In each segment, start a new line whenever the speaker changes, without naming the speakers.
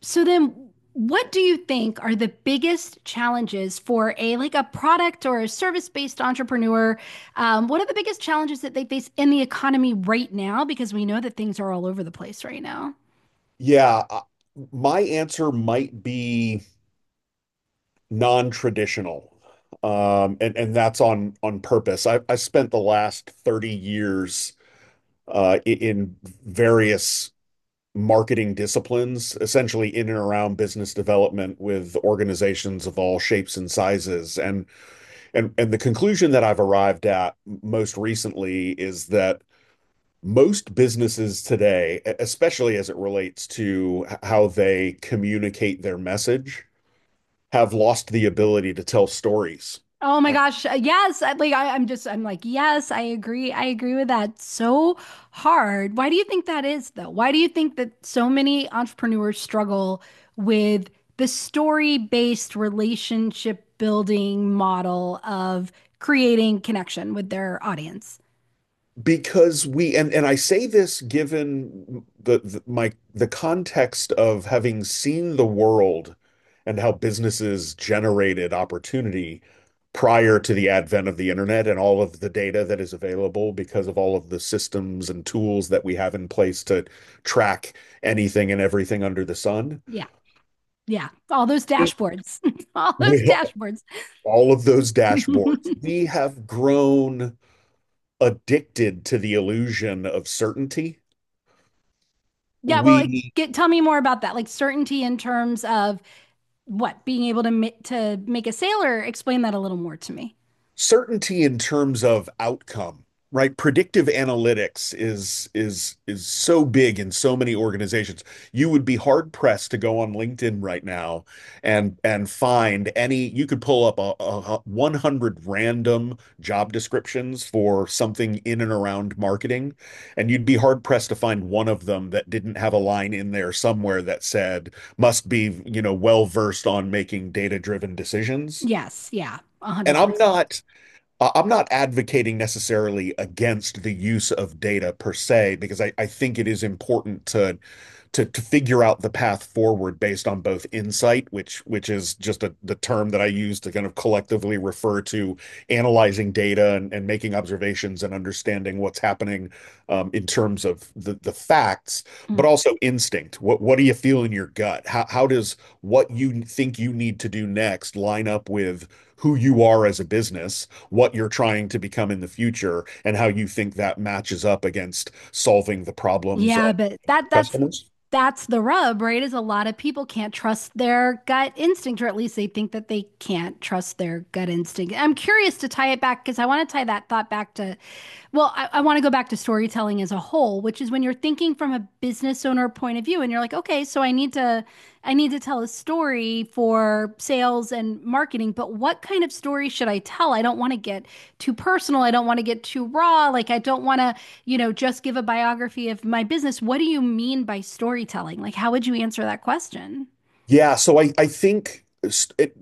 So then, what do you think are the biggest challenges for a a product or a service-based entrepreneur? What are the biggest challenges that they face in the economy right now? Because we know that things are all over the place right now.
Yeah, uh, my answer might be non-traditional. And that's on purpose. I spent the last 30 years in various marketing disciplines, essentially in and around business development with organizations of all shapes and sizes. And the conclusion that I've arrived at most recently is that most businesses today, especially as it relates to how they communicate their message, have lost the ability to tell stories.
Oh my gosh. Yes. I, like I, I'm just, I'm like, Yes, I agree. I agree with that. So hard. Why do you think that is, though? Why do you think that so many entrepreneurs struggle with the story-based relationship building model of creating connection with their audience?
Because we and I say this given the context of having seen the world and how businesses generated opportunity prior to the advent of the internet and all of the data that is available because of all of the systems and tools that we have in place to track anything and everything under the sun.
Yeah. Yeah. All those dashboards. All those
With
dashboards.
all of those dashboards, we have grown addicted to the illusion of certainty.
Yeah. Well,
We
tell me more about that. Like certainty in terms of what being able to make a sailor explain that a little more to me.
Certainty in terms of outcome, right? Predictive analytics is so big in so many organizations. You would be hard pressed to go on LinkedIn right now and find any. You could pull up 100 random job descriptions for something in and around marketing, and you'd be hard pressed to find one of them that didn't have a line in there somewhere that said must be, you know, well versed on making data driven decisions.
Yes, yeah,
And
100%.
I'm not advocating necessarily against the use of data per se, because I think it is important to figure out the path forward based on both insight, which is just the term that I use to kind of collectively refer to analyzing data and making observations and understanding what's happening in terms of the facts, but
Mm.
also instinct. What do you feel in your gut? How does what you think you need to do next line up with who you are as a business, what you're trying to become in the future, and how you think that matches up against solving the problems of
Yeah, but that
your
that's
customers?
that's the rub, right? Is a lot of people can't trust their gut instinct, or at least they think that they can't trust their gut instinct. I'm curious to tie it back, because I want to tie that thought back to, well I want to go back to storytelling as a whole, which is when you're thinking from a business owner point of view and you're like, okay, so I need to, I need to tell a story for sales and marketing, but what kind of story should I tell? I don't want to get too personal. I don't want to get too raw. Like I don't want to, you know, just give a biography of my business. What do you mean by storytelling? Like how would you answer that question?
So I think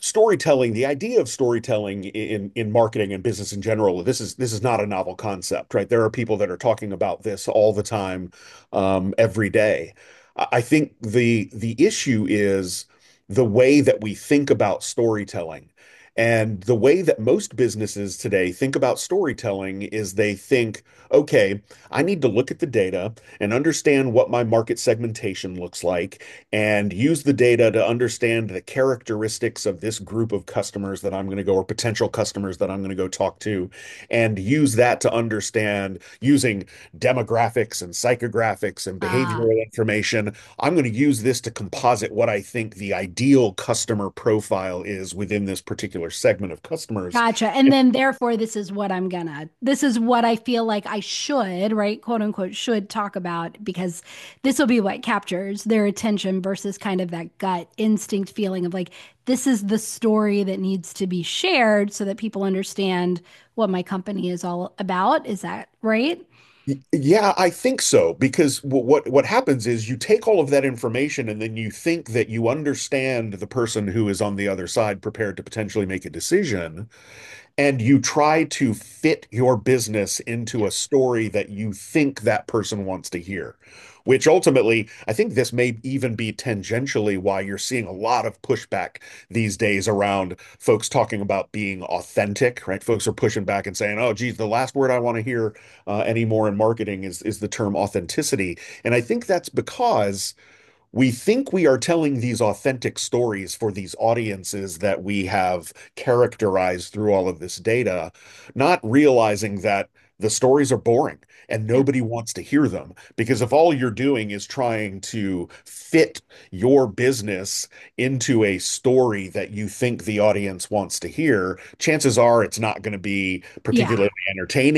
storytelling, the idea of storytelling in marketing and business in general, this is not a novel concept, right? There are people that are talking about this all the time, every day. I think the issue is the way that we think about storytelling. And the way that most businesses today think about storytelling is they think, okay, I need to look at the data and understand what my market segmentation looks like and use the data to understand the characteristics of this group of customers that I'm going to go, or potential customers that I'm going to go talk to, and use that to understand using demographics and psychographics and behavioral
Ah.
information. I'm going to use this to composite what I think the ideal customer profile is within this particular segment of customers.
Gotcha. And then therefore this is what I feel like I should, right? Quote unquote, should talk about, because this will be what captures their attention versus kind of that gut instinct feeling of like, this is the story that needs to be shared so that people understand what my company is all about. Is that right?
Yeah, I think so because what happens is you take all of that information and then you think that you understand the person who is on the other side prepared to potentially make a decision, and you try to fit your business
Yeah.
into a story that you think that person wants to hear, which ultimately I think this may even be tangentially why you're seeing a lot of pushback these days around folks talking about being authentic. Right, folks are pushing back and saying, oh geez, the last word I want to hear anymore in marketing is the term authenticity. And I think that's because we think we are telling these authentic stories for these audiences that we have characterized through all of this data, not realizing that the stories are boring and
Yeah.
nobody wants to hear them. Because if all you're doing is trying to fit your business into a story that you think the audience wants to hear, chances are it's not going to be
Yeah.
particularly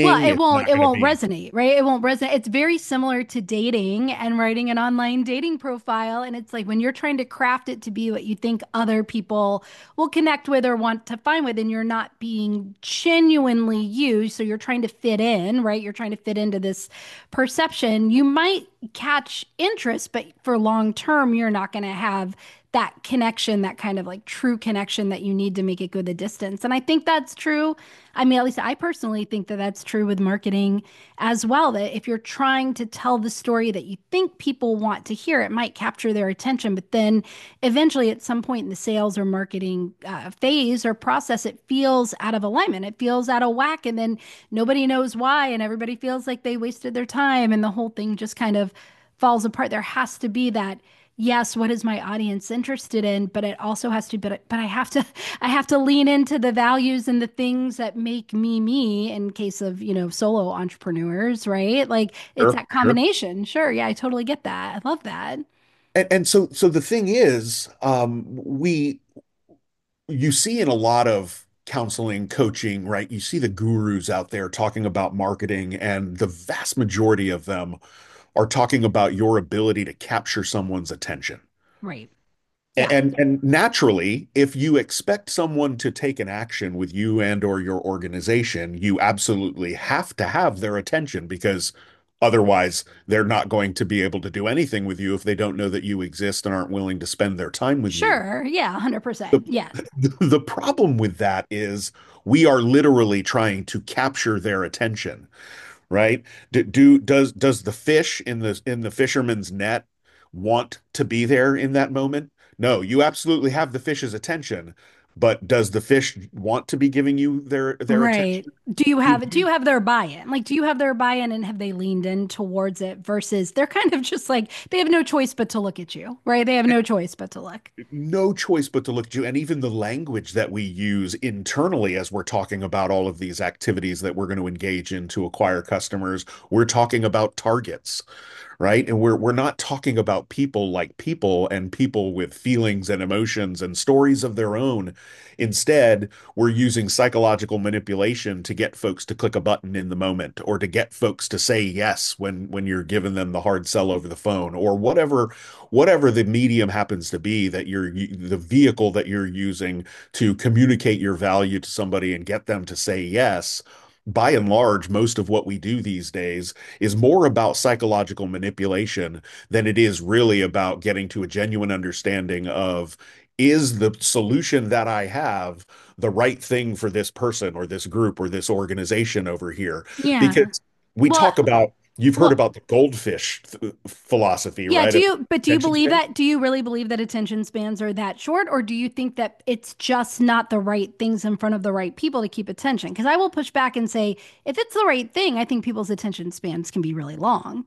Well,
It's not
it
going to
won't
be.
resonate, right? It won't resonate. It's very similar to dating and writing an online dating profile, and it's like when you're trying to craft it to be what you think other people will connect with or want to find with, and you're not being genuinely you. So you're trying to fit in, right? You're trying to fit into this perception. You might catch interest, but for long term, you're not going to have that connection, that kind of like true connection that you need to make it go the distance. And I think that's true. I mean, at least I personally think that that's true with marketing as well. That if you're trying to tell the story that you think people want to hear, it might capture their attention, but then if eventually at some point in the sales or marketing phase or process, it feels out of alignment, it feels out of whack, and then nobody knows why and everybody feels like they wasted their time and the whole thing just kind of falls apart. There has to be that, yes, what is my audience interested in, but it also has to, but I have to I have to lean into the values and the things that make me me, in case of, you know, solo entrepreneurs, right? Like it's
Sure,
that
sure.
combination. Sure, yeah, I totally get that, I love that.
And so the thing is, we you see in a lot of counseling, coaching, right? You see the gurus out there talking about marketing, and the vast majority of them are talking about your ability to capture someone's attention.
Right, yeah.
And naturally, if you expect someone to take an action with you and or your organization, you absolutely have to have their attention, because otherwise they're not going to be able to do anything with you if they don't know that you exist and aren't willing to spend their time with you.
Sure. Yeah, 100%. Yeah.
The problem with that is we are literally trying to capture their attention, right? Do, do does the fish in the fisherman's net want to be there in that moment? No, you absolutely have the fish's attention, but does the fish want to be giving you their
Right.
attention? We
Do you
you,
have their buy-in? Like do you have their buy-in and have they leaned in towards it, versus they're kind of just like they have no choice but to look at you, right? They have no choice but to look.
no choice but to look at you. And even the language that we use internally as we're talking about all of these activities that we're going to engage in to acquire customers, we're talking about targets. Right? And we're not talking about people, like people and people with feelings and emotions and stories of their own. Instead, we're using psychological manipulation to get folks to click a button in the moment, or to get folks to say yes when you're giving them the hard sell over the phone, or whatever, the medium happens to be, that you're the vehicle that you're using to communicate your value to somebody and get them to say yes. By and large, most of what we do these days is more about psychological manipulation than it is really about getting to a genuine understanding of, is the solution that I have the right thing for this person or this group or this organization over here?
Yeah.
Because we
Well,
talk about, you've heard
well,
about the goldfish philosophy,
yeah,
right? Of
do you
attention
believe
span.
that? Do you really believe that attention spans are that short, or do you think that it's just not the right things in front of the right people to keep attention? Because I will push back and say, if it's the right thing, I think people's attention spans can be really long.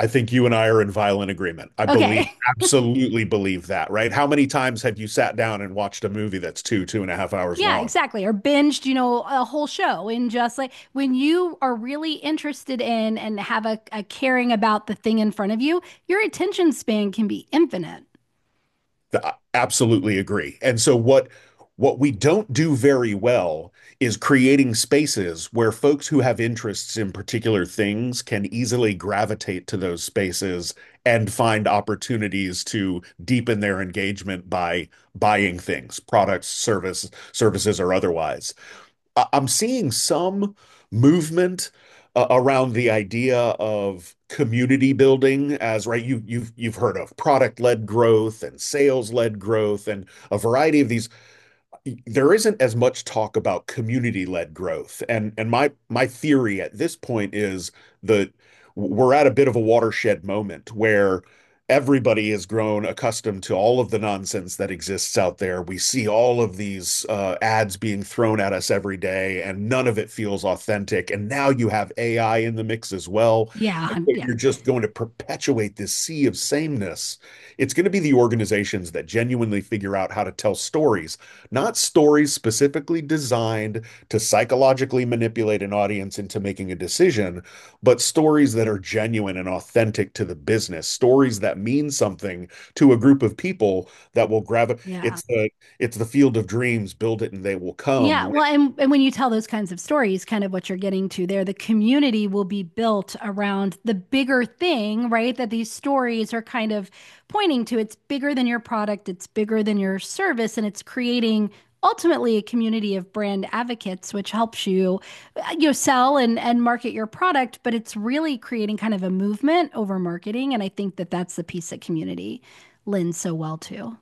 I think you and I are in violent agreement. I believe,
Okay.
absolutely believe that, right? How many times have you sat down and watched a movie that's two and a half hours
Yeah,
long?
exactly. Or binged, you know, a whole show. In just like when you are really interested in and have a caring about the thing in front of you, your attention span can be infinite.
I absolutely agree. And so what we don't do very well is creating spaces where folks who have interests in particular things can easily gravitate to those spaces and find opportunities to deepen their engagement by buying things, products, services, or otherwise. I'm seeing some movement around the idea of community building. As, right, you've heard of product-led growth and sales-led growth and a variety of these, there isn't as much talk about community-led growth. And my theory at this point is that we're at a bit of a watershed moment where everybody has grown accustomed to all of the nonsense that exists out there. We see all of these ads being thrown at us every day, and none of it feels authentic. And now you have AI in the mix as well.
Yeah,
And so
yeah,
you're just going to perpetuate this sea of sameness. It's going to be the organizations that genuinely figure out how to tell stories, not stories specifically designed to psychologically manipulate an audience into making a decision, but stories that are genuine and authentic to the business, stories that mean something to a group of people that will grab it.
yeah.
It's the field of dreams, build it and they will
Yeah,
come,
well, and when you tell those kinds of stories, kind of what you're getting to there, the community will be built around the bigger thing, right? That these stories are kind of pointing to. It's bigger than your product, it's bigger than your service, and it's creating ultimately a community of brand advocates, which helps you, you know, sell and market your product, but it's really creating kind of a movement over marketing, and I think that that's the piece that community lends so well to.